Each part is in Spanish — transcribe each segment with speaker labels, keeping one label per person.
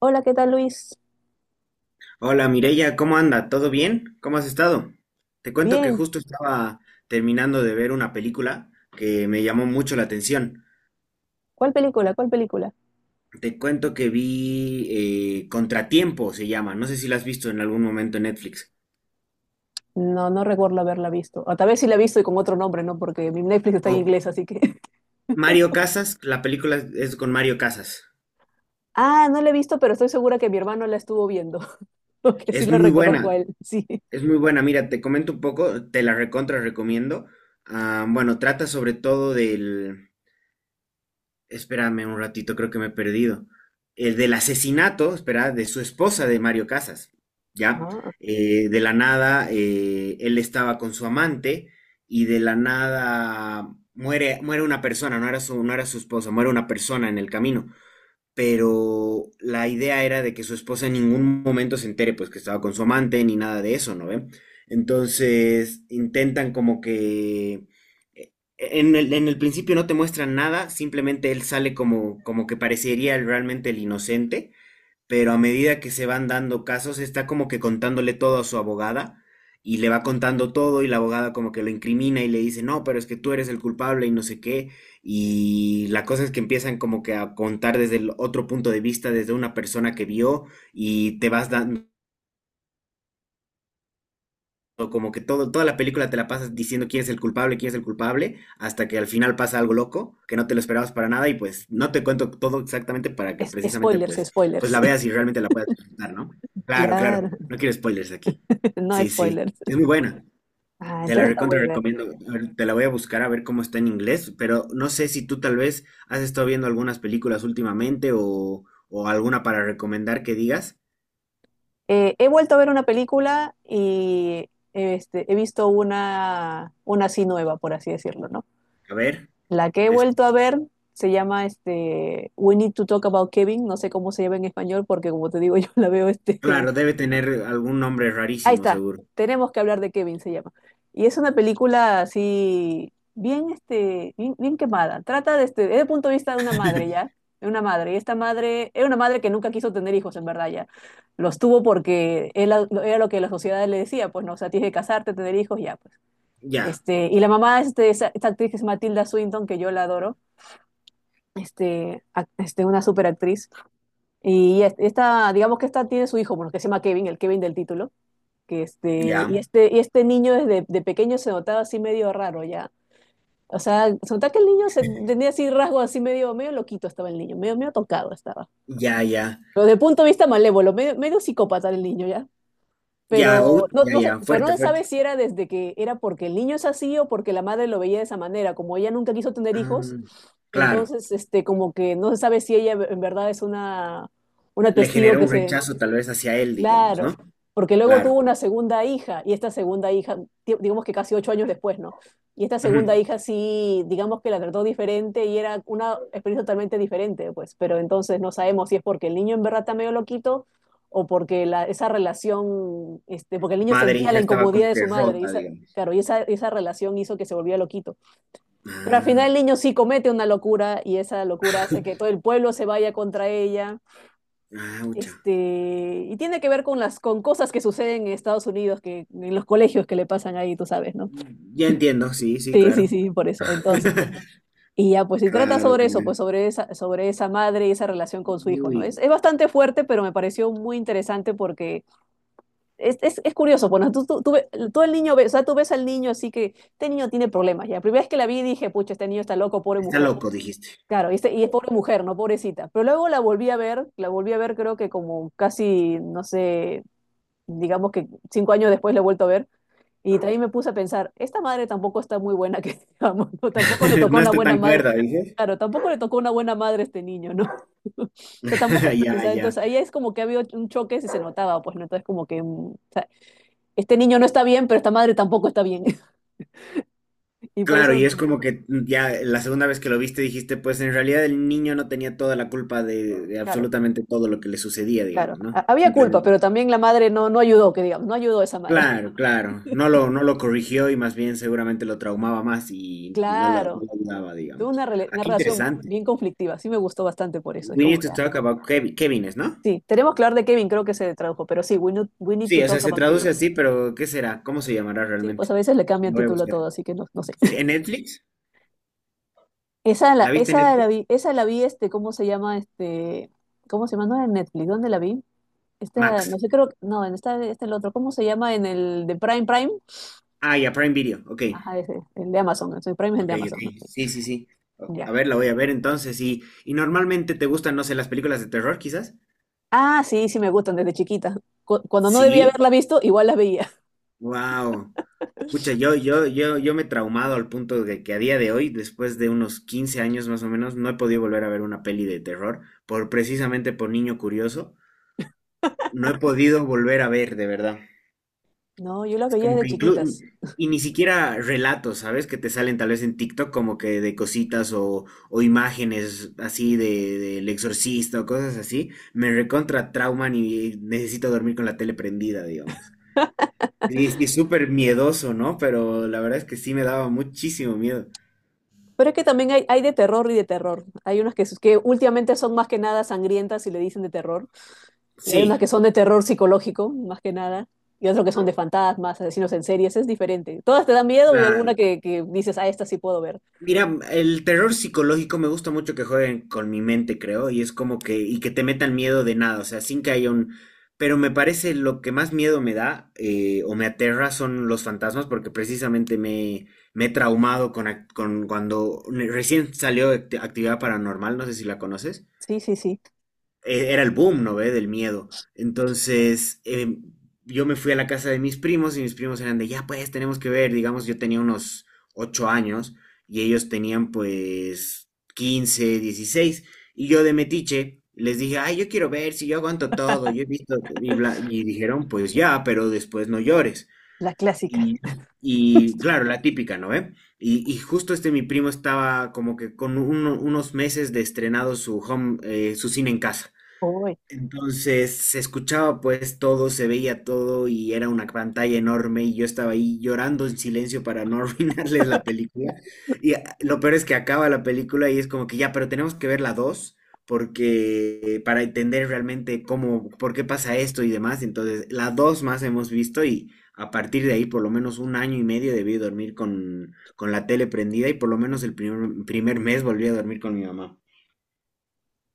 Speaker 1: Hola, ¿qué tal, Luis?
Speaker 2: Hola Mireya, ¿cómo anda? ¿Todo bien? ¿Cómo has estado? Te cuento que
Speaker 1: Bien.
Speaker 2: justo estaba terminando de ver una película que me llamó mucho la atención.
Speaker 1: ¿Cuál película?
Speaker 2: Te cuento que vi Contratiempo, se llama. No sé si la has visto en algún momento en Netflix.
Speaker 1: No, no recuerdo haberla visto. O tal vez sí la he visto y con otro nombre, ¿no? Porque mi Netflix está en
Speaker 2: Con
Speaker 1: inglés, así que.
Speaker 2: Mario Casas, la película es con Mario Casas.
Speaker 1: Ah, no la he visto, pero estoy segura que mi hermano la estuvo viendo. Porque sí
Speaker 2: Es
Speaker 1: lo
Speaker 2: muy
Speaker 1: reconozco a
Speaker 2: buena,
Speaker 1: él. Sí.
Speaker 2: es muy buena. Mira, te comento un poco, te la recontra recomiendo. Ah, bueno, trata sobre todo del, espérame un ratito, creo que me he perdido. El del asesinato, espera, de su esposa de Mario Casas, ¿ya?
Speaker 1: Ah,
Speaker 2: De la nada, él estaba con su amante y de la nada muere, muere una persona, no era su esposa, muere una persona en el camino, pero la idea era de que su esposa en ningún momento se entere, pues que estaba con su amante ni nada de eso, ¿no ve? Entonces intentan como que eh, en el principio no te muestran nada, simplemente él sale como, como que parecería realmente el inocente, pero a medida que se van dando casos, está como que contándole todo a su abogada y le va contando todo y la abogada como que lo incrimina y le dice, no, pero es que tú eres el culpable y no sé qué. Y la cosa es que empiezan como que a contar desde el otro punto de vista, desde una persona que vio y te vas dando como que todo, toda la película te la pasas diciendo quién es el culpable, quién es el culpable, hasta que al final pasa algo loco, que no te lo esperabas para nada, y pues no te cuento todo exactamente para que precisamente
Speaker 1: spoilers,
Speaker 2: pues, pues
Speaker 1: spoilers.
Speaker 2: la veas y realmente la puedas disfrutar, ¿no? Claro, claro,
Speaker 1: Claro,
Speaker 2: no quiero spoilers aquí.
Speaker 1: no
Speaker 2: Sí, sí,
Speaker 1: spoilers.
Speaker 2: es muy buena.
Speaker 1: Ah,
Speaker 2: Te la
Speaker 1: entonces la
Speaker 2: recontra
Speaker 1: voy a ver.
Speaker 2: recomiendo. A ver, te la voy a buscar a ver cómo está en inglés, pero no sé si tú tal vez has estado viendo algunas películas últimamente o alguna para recomendar que digas.
Speaker 1: He vuelto a ver una película y he visto una así nueva, por así decirlo, ¿no?
Speaker 2: A ver,
Speaker 1: La que he
Speaker 2: te escu-
Speaker 1: vuelto a ver se llama We Need to Talk About Kevin. No sé cómo se llama en español porque como te digo, yo la veo.
Speaker 2: claro, debe tener algún nombre
Speaker 1: Ahí
Speaker 2: rarísimo,
Speaker 1: está.
Speaker 2: seguro.
Speaker 1: Tenemos que hablar de Kevin se llama. Y es una película así bien, bien, bien quemada. Trata de desde el punto de vista de una madre, ya. De una madre. Y esta madre era una madre que nunca quiso tener hijos en verdad, ya. Los tuvo porque era lo que la sociedad le decía. Pues no, o sea, tienes que casarte, tener hijos, ya, pues.
Speaker 2: Ya,
Speaker 1: Y la mamá, esta actriz que es Matilda Swinton, que yo la adoro, una superactriz. Y esta, digamos que esta tiene su hijo, porque se llama Kevin, el Kevin del título. Que este,
Speaker 2: ya,
Speaker 1: y este, y este niño desde de pequeño se notaba así medio raro, ya. O sea, se notaba que el niño se tenía así rasgos así medio, medio loquito estaba el niño, medio, medio tocado estaba.
Speaker 2: ya, ya,
Speaker 1: Pero desde el punto de vista malévolo, medio, medio psicópata el niño, ya.
Speaker 2: ya,
Speaker 1: Pero
Speaker 2: out,
Speaker 1: no,
Speaker 2: ya,
Speaker 1: no sé,
Speaker 2: ya,
Speaker 1: pero no
Speaker 2: fuerte,
Speaker 1: se
Speaker 2: fuerte.
Speaker 1: sabe si era desde que era porque el niño es así o porque la madre lo veía de esa manera. Como ella nunca quiso tener hijos,
Speaker 2: Ah, claro,
Speaker 1: entonces como que no se sabe si ella en verdad es una
Speaker 2: le
Speaker 1: testigo
Speaker 2: generó
Speaker 1: que
Speaker 2: un
Speaker 1: se.
Speaker 2: rechazo tal vez hacia él, digamos,
Speaker 1: Claro,
Speaker 2: ¿no?
Speaker 1: porque luego tuvo
Speaker 2: Claro.
Speaker 1: una segunda hija y esta segunda hija, digamos que casi 8 años después, ¿no? Y esta segunda
Speaker 2: Ujú.
Speaker 1: hija sí, digamos que la trató diferente y era una experiencia totalmente diferente, pues, pero entonces no sabemos si es porque el niño en verdad está medio loquito o porque la, esa relación, porque el niño
Speaker 2: Madre e
Speaker 1: sentía
Speaker 2: hija
Speaker 1: la
Speaker 2: estaba
Speaker 1: incomodidad
Speaker 2: como
Speaker 1: de
Speaker 2: que
Speaker 1: su madre y
Speaker 2: rota,
Speaker 1: esa,
Speaker 2: digamos.
Speaker 1: claro, y esa relación hizo que se volviera loquito. Pero al final el
Speaker 2: Ah,
Speaker 1: niño sí comete una locura y esa locura hace que todo el pueblo se vaya contra ella
Speaker 2: aucha.
Speaker 1: este, y tiene que ver con las con cosas que suceden en Estados Unidos, que en los colegios que le pasan ahí, tú sabes, ¿no?
Speaker 2: Ya entiendo, sí, sí,
Speaker 1: Sí, sí,
Speaker 2: claro.
Speaker 1: sí, por eso. Entonces, pues no. Y ya, pues, si trata
Speaker 2: Claro,
Speaker 1: sobre eso,
Speaker 2: claro.
Speaker 1: pues sobre esa madre y esa relación con su hijo,
Speaker 2: Uy,
Speaker 1: ¿no? Es bastante fuerte, pero me pareció muy interesante porque es curioso. Bueno, tú el niño, ves, o sea, tú ves al niño, así que este niño tiene problemas, ya. La primera vez que la vi dije, pucha, este niño está loco, pobre
Speaker 2: está
Speaker 1: mujer.
Speaker 2: loco, dijiste.
Speaker 1: Claro, y es pobre mujer, ¿no? Pobrecita. Pero luego la volví a ver creo que como casi, no sé, digamos que 5 años después la he vuelto a ver, y también me puse a pensar, esta madre tampoco está muy buena, que digamos, ¿no? Tampoco le tocó
Speaker 2: No
Speaker 1: una
Speaker 2: está
Speaker 1: buena
Speaker 2: tan
Speaker 1: madre,
Speaker 2: cuerda, dices.
Speaker 1: claro, tampoco le tocó una buena madre a este niño, ¿no? O sea, tampoco, o
Speaker 2: Ya,
Speaker 1: sea,
Speaker 2: ya.
Speaker 1: entonces ahí es como que había un choque si se notaba, pues, ¿no? Entonces como que, o sea, este niño no está bien, pero esta madre tampoco está bien. Y por
Speaker 2: Claro,
Speaker 1: eso,
Speaker 2: y es
Speaker 1: mm,
Speaker 2: como que ya la segunda vez que lo viste dijiste, pues en realidad el niño no tenía toda la culpa de
Speaker 1: claro,
Speaker 2: absolutamente todo lo que le sucedía,
Speaker 1: claro,
Speaker 2: digamos, ¿no?
Speaker 1: había culpa,
Speaker 2: Simplemente.
Speaker 1: pero también la madre no, no ayudó, que digamos, no ayudó a esa madre.
Speaker 2: Claro, claro. No lo corrigió y más bien seguramente lo traumaba más y no
Speaker 1: Claro,
Speaker 2: lo ayudaba,
Speaker 1: tuvo
Speaker 2: digamos. Ah,
Speaker 1: una
Speaker 2: qué
Speaker 1: relación
Speaker 2: interesante.
Speaker 1: bien conflictiva. Sí me gustó bastante por eso, es
Speaker 2: We
Speaker 1: como
Speaker 2: need
Speaker 1: que.
Speaker 2: to talk about Kevines, ¿no?
Speaker 1: Sí, tenemos que hablar de Kevin, creo que se tradujo, pero sí, we need
Speaker 2: Sí,
Speaker 1: to
Speaker 2: o sea,
Speaker 1: talk
Speaker 2: se
Speaker 1: about
Speaker 2: traduce
Speaker 1: Kevin.
Speaker 2: así, pero ¿qué será? ¿Cómo se llamará
Speaker 1: Sí,
Speaker 2: realmente?
Speaker 1: pues a veces le cambian
Speaker 2: Lo voy a
Speaker 1: título a
Speaker 2: buscar.
Speaker 1: todo, así que no, no sé.
Speaker 2: Sí, ¿en Netflix?
Speaker 1: Esa
Speaker 2: ¿La
Speaker 1: la,
Speaker 2: viste en
Speaker 1: esa la
Speaker 2: Netflix?
Speaker 1: vi, esa la vi, ¿cómo se llama? ¿Cómo se llama? No era en Netflix, ¿dónde la vi? Esta,
Speaker 2: Max.
Speaker 1: no sé, creo, no, en esta, el otro, ¿cómo se llama? En el de Prime.
Speaker 2: Ah, ya, Prime Video. Ok.
Speaker 1: Ajá, ese, el de Amazon, el Prime es el de
Speaker 2: Ok, ok.
Speaker 1: Amazon, ¿no? Sí,
Speaker 2: Sí, sí, sí. O-
Speaker 1: ya.
Speaker 2: a ver, la voy a ver entonces. Y normalmente te gustan, no sé, las películas de terror, quizás.
Speaker 1: Ah, sí, sí me gustan desde chiquita. Cuando no debía
Speaker 2: Sí.
Speaker 1: haberla visto, igual las veía.
Speaker 2: Wow. Pucha, yo me he traumado al punto de que a día de hoy, después de unos 15 años más o menos, no he podido volver a ver una peli de terror, por precisamente por niño curioso. No he podido volver a ver, de verdad.
Speaker 1: No, yo las
Speaker 2: Es
Speaker 1: veía
Speaker 2: como
Speaker 1: desde
Speaker 2: que incluso,
Speaker 1: chiquitas.
Speaker 2: y ni siquiera relatos, ¿sabes? Que te salen tal vez en TikTok como que de cositas o imágenes así de, del exorcista o cosas así. Me recontra trauman y necesito dormir con la tele prendida, digamos. Sí, sí, súper miedoso, ¿no? Pero la verdad es que sí me daba muchísimo miedo.
Speaker 1: Pero es que también hay de terror y de terror. Hay unas que últimamente son más que nada sangrientas y le dicen de terror. Y hay unas
Speaker 2: Sí,
Speaker 1: que son de terror psicológico, más que nada. Y otras que son de fantasmas, asesinos en series. Es diferente. Todas te dan miedo y alguna
Speaker 2: claro.
Speaker 1: que dices, ah, esta sí puedo ver.
Speaker 2: Mira, el terror psicológico me gusta mucho que jueguen con mi mente, creo, y es como que, y que te metan miedo de nada, o sea, sin que haya un... Pero me parece lo que más miedo me da o me aterra son los fantasmas, porque precisamente me he traumado con, con cuando recién salió Actividad Paranormal, no sé si la conoces
Speaker 1: Sí, sí, sí.
Speaker 2: era el boom, ¿no ve? Del miedo. Entonces, yo me fui a la casa de mis primos y mis primos eran de, ya pues, tenemos que ver, digamos, yo tenía unos ocho años y ellos tenían pues 15, 16 y yo de metiche les dije, ay, yo quiero ver si yo aguanto todo, yo he visto y, bla- y dijeron, pues ya, pero después no llores.
Speaker 1: La clásica.
Speaker 2: Y, y claro, la típica, ¿no ve? Y justo este mi primo estaba como que con unos meses de estrenado su home, su cine en casa.
Speaker 1: Uy.
Speaker 2: Entonces se escuchaba pues todo, se veía todo y era una pantalla enorme y yo estaba ahí llorando en silencio para no arruinarles la película. Y lo peor es que acaba la película y es como que ya, pero tenemos que ver la 2 porque para entender realmente cómo, por qué pasa esto y demás. Entonces la 2 más hemos visto y a partir de ahí por lo menos un año y medio debí dormir con la tele prendida y por lo menos el primer mes volví a dormir con mi mamá.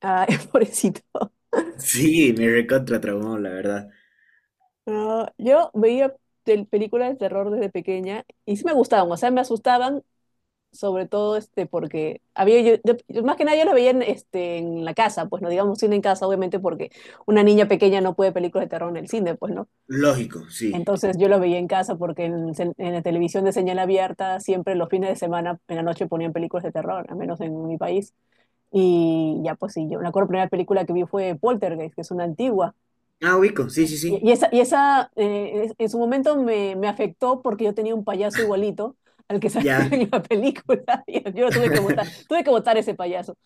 Speaker 1: Ay, pobrecito.
Speaker 2: Sí, me recontra traumó, la verdad.
Speaker 1: No, yo veía películas de terror desde pequeña y sí me gustaban. O sea, me asustaban, sobre todo porque había yo, más que nada yo las veía en la casa, pues no digamos cine en casa, obviamente porque una niña pequeña no puede ver películas de terror en el cine, pues no.
Speaker 2: Lógico, sí.
Speaker 1: Entonces yo lo veía en casa porque en la televisión de señal abierta siempre los fines de semana en la noche ponían películas de terror, al menos en mi país. Y ya pues sí, yo me acuerdo la primera película que vi fue Poltergeist, que es una antigua
Speaker 2: Ah, ubico, sí, sí, sí.
Speaker 1: y esa en su momento me afectó porque yo tenía un payaso igualito al que salió
Speaker 2: Ya.
Speaker 1: en la película. Y yo lo tuve que votar ese payaso.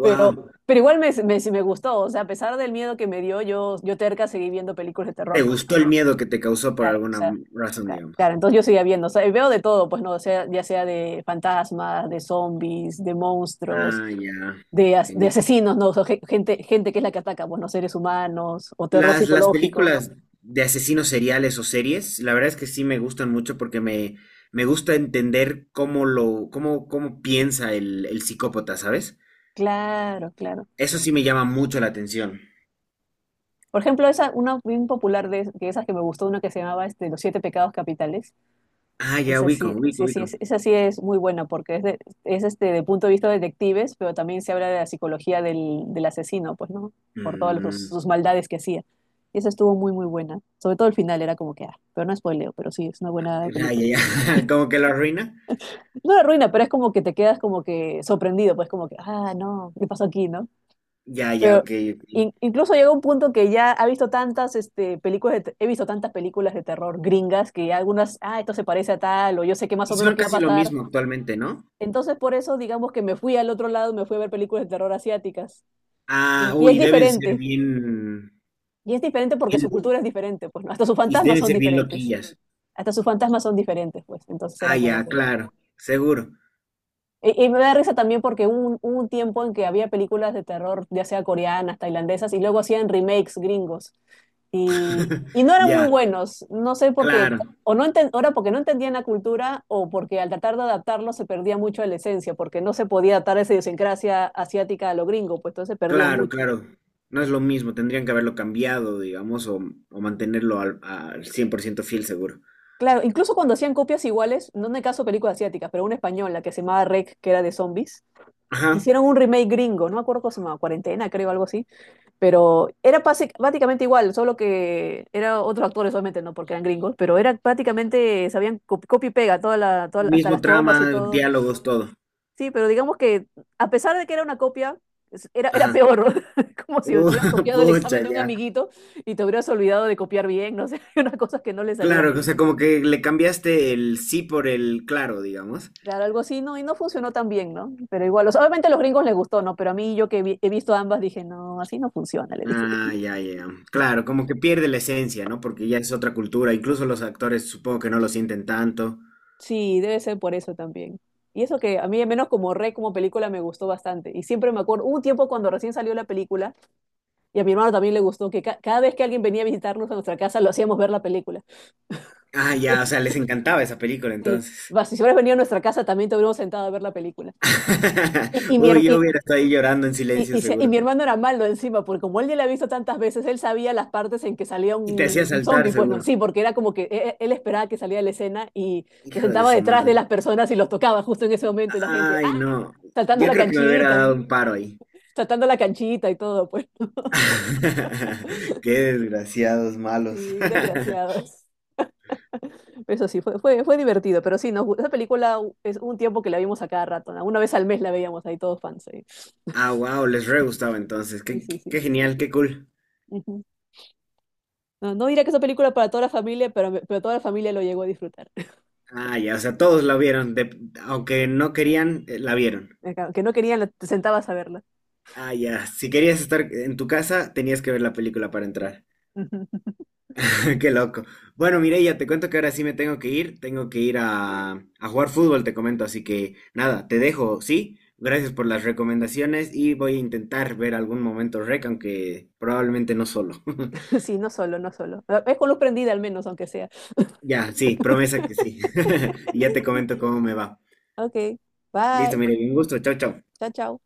Speaker 1: Pero, pero igual sí me gustó. O sea, a pesar del miedo que me dio, yo terca seguí viendo películas de
Speaker 2: Te
Speaker 1: terror. Pues,
Speaker 2: gustó el miedo que te causó por
Speaker 1: claro, o
Speaker 2: alguna
Speaker 1: sea,
Speaker 2: razón, digamos.
Speaker 1: claro, entonces yo seguía viendo. O sea, y veo de todo, pues no, o sea, ya sea de fantasmas, de zombies, de monstruos.
Speaker 2: Ah, ya.
Speaker 1: De
Speaker 2: Genial.
Speaker 1: asesinos, ¿no? O sea, gente que es la que ataca, bueno, seres humanos o terror
Speaker 2: Las
Speaker 1: psicológico.
Speaker 2: películas de asesinos seriales o series, la verdad es que sí me gustan mucho porque me gusta entender cómo, cómo piensa el psicópata, ¿sabes?
Speaker 1: Claro, claro.
Speaker 2: Eso sí me llama mucho la atención.
Speaker 1: Por ejemplo, esa, una bien popular de esas que me gustó, una que se llamaba Los Siete Pecados Capitales.
Speaker 2: Ah, ya
Speaker 1: Esa
Speaker 2: ubico,
Speaker 1: sí,
Speaker 2: ubico,
Speaker 1: sí, sí,
Speaker 2: ubico.
Speaker 1: esa sí es muy buena porque es, de, es este, de punto de vista de detectives, pero también se habla de la psicología del asesino, pues, ¿no? Por todas
Speaker 2: Mm,
Speaker 1: sus maldades que hacía. Y esa estuvo muy, muy buena. Sobre todo el final era como que, ah, pero no spoileo, pero sí, es una buena
Speaker 2: ya, ya,
Speaker 1: película.
Speaker 2: ya. Como que lo arruina.
Speaker 1: No la arruina, pero es como que te quedas como que sorprendido, pues como que, ah, no, ¿qué pasó aquí, no?
Speaker 2: Ya, ya,
Speaker 1: Pero
Speaker 2: ok. Ok.
Speaker 1: incluso llega un punto que ya ha visto tantas películas, he visto tantas películas de terror gringas que algunas, ah, esto se parece a tal, o yo sé que más
Speaker 2: Y
Speaker 1: o menos
Speaker 2: son
Speaker 1: qué va a
Speaker 2: casi lo
Speaker 1: pasar.
Speaker 2: mismo actualmente, ¿no?
Speaker 1: Entonces, por eso, digamos que me fui al otro lado, me fui a ver películas de terror asiáticas.
Speaker 2: Ah,
Speaker 1: Y
Speaker 2: uy,
Speaker 1: es
Speaker 2: deben ser
Speaker 1: diferente.
Speaker 2: bien,
Speaker 1: Y es diferente porque su
Speaker 2: bien-
Speaker 1: cultura es diferente, pues, ¿no? Hasta sus
Speaker 2: y
Speaker 1: fantasmas
Speaker 2: deben
Speaker 1: son
Speaker 2: ser bien
Speaker 1: diferentes.
Speaker 2: loquillas.
Speaker 1: Hasta sus fantasmas son diferentes, pues. Entonces
Speaker 2: Ah,
Speaker 1: era como
Speaker 2: ya,
Speaker 1: que.
Speaker 2: claro, seguro.
Speaker 1: Y me da risa también porque hubo un tiempo en que había películas de terror, ya sea coreanas, tailandesas, y luego hacían remakes gringos. Y, y no eran muy
Speaker 2: Ya,
Speaker 1: buenos, no sé por qué,
Speaker 2: claro,
Speaker 1: o era porque no entendían la cultura o porque al tratar de adaptarlo se perdía mucho de la esencia, porque no se podía adaptar esa idiosincrasia asiática a lo gringo, pues entonces se perdía
Speaker 2: claro,
Speaker 1: mucho.
Speaker 2: claro. No es lo mismo, tendrían que haberlo cambiado, digamos, o mantenerlo al, al 100% fiel, seguro.
Speaker 1: Claro, incluso cuando hacían copias iguales, no en el caso de películas asiáticas, pero una española que se llamaba Rec, que era de zombies,
Speaker 2: Ajá,
Speaker 1: hicieron un remake gringo, no me acuerdo cómo se llamaba, Cuarentena, creo, algo así. Pero era prácticamente igual, solo que eran otros actores, obviamente, no porque eran gringos, pero era prácticamente, sabían copia y pega, hasta
Speaker 2: mismo
Speaker 1: las tomas y
Speaker 2: trama,
Speaker 1: todo.
Speaker 2: diálogos, todo.
Speaker 1: Sí, pero digamos que a pesar de que era una copia, era
Speaker 2: Ajá.
Speaker 1: peor, ¿no? Como si te
Speaker 2: Oh
Speaker 1: hubieras copiado el
Speaker 2: pucha,
Speaker 1: examen de un
Speaker 2: ya.
Speaker 1: amiguito y te hubieras olvidado de copiar bien, no sé, unas cosas que no le salían
Speaker 2: Claro, o
Speaker 1: bien.
Speaker 2: sea, como que le cambiaste el sí por el claro, digamos.
Speaker 1: Claro, algo así, ¿no? Y no funcionó tan bien, ¿no? Pero igual, o sea, obviamente a los gringos les gustó, ¿no? Pero a mí, yo que he visto ambas, dije, no, así no funciona, le dije.
Speaker 2: Ah, ya, ya. Claro, como que pierde la esencia, ¿no? Porque ya es otra cultura. Incluso los actores supongo que no lo sienten tanto.
Speaker 1: Sí, debe ser por eso también. Y eso que a mí, al menos como Rey, como película, me gustó bastante. Y siempre me acuerdo, hubo un tiempo cuando recién salió la película, y a mi hermano también le gustó, que cada vez que alguien venía a visitarnos a nuestra casa, lo hacíamos ver la película.
Speaker 2: Ah, ya, o sea, les encantaba esa película
Speaker 1: Sí,
Speaker 2: entonces.
Speaker 1: va, si hubieras venido a nuestra casa, también te hubiéramos sentado a ver la película. Y, y, mi,
Speaker 2: Uy,
Speaker 1: her-
Speaker 2: yo
Speaker 1: y,
Speaker 2: hubiera estado ahí llorando en silencio
Speaker 1: y si- y
Speaker 2: seguro.
Speaker 1: mi hermano era malo encima, porque como él ya la ha visto tantas veces, él sabía las partes en que salía
Speaker 2: Y te hacía
Speaker 1: un
Speaker 2: saltar
Speaker 1: zombie. Pues no,
Speaker 2: seguro.
Speaker 1: sí, porque era como que él, esperaba que saliera la escena y se
Speaker 2: Hijo de
Speaker 1: sentaba
Speaker 2: su
Speaker 1: detrás de
Speaker 2: madre.
Speaker 1: las personas y los tocaba justo en ese momento, y la gente, ¡ah!
Speaker 2: Ay, no.
Speaker 1: Saltando
Speaker 2: Yo
Speaker 1: la
Speaker 2: creo que me hubiera
Speaker 1: canchita.
Speaker 2: dado
Speaker 1: ¿Eh?
Speaker 2: un paro ahí.
Speaker 1: Tratando la canchita y todo, pues
Speaker 2: Qué desgraciados malos.
Speaker 1: sí, desgraciados. Pero eso sí, fue divertido, pero sí, esa película es un tiempo que la vimos a cada rato, ¿no? Una vez al mes la veíamos ahí todos fans.
Speaker 2: Ah, wow, les re gustaba entonces.
Speaker 1: Sí,
Speaker 2: Qué,
Speaker 1: sí,
Speaker 2: qué
Speaker 1: sí. Sí.
Speaker 2: qué genial, qué cool.
Speaker 1: Ujú. No, no diría que es una película para toda la familia, pero toda la familia lo llegó a disfrutar.
Speaker 2: Ah, ya, o sea, todos la vieron, aunque no querían, la vieron.
Speaker 1: Acá, que no querían, te sentabas a verla.
Speaker 2: Ah, ya, si querías estar en tu casa, tenías que ver la película para entrar.
Speaker 1: Ujú.
Speaker 2: Qué loco. Bueno, Mireya, te cuento que ahora sí me tengo que ir a jugar fútbol, te comento, así que nada, te dejo, ¿sí? Gracias por las recomendaciones y voy a intentar ver algún momento rec, aunque probablemente no solo.
Speaker 1: Sí, no solo, no solo. Ah, es con luz prendida al menos, aunque sea.
Speaker 2: Ya, sí, promesa que sí. Y ya te comento cómo me va.
Speaker 1: Ok,
Speaker 2: Listo,
Speaker 1: bye.
Speaker 2: Mireya, un gusto, chao, chao.
Speaker 1: Chao, chao.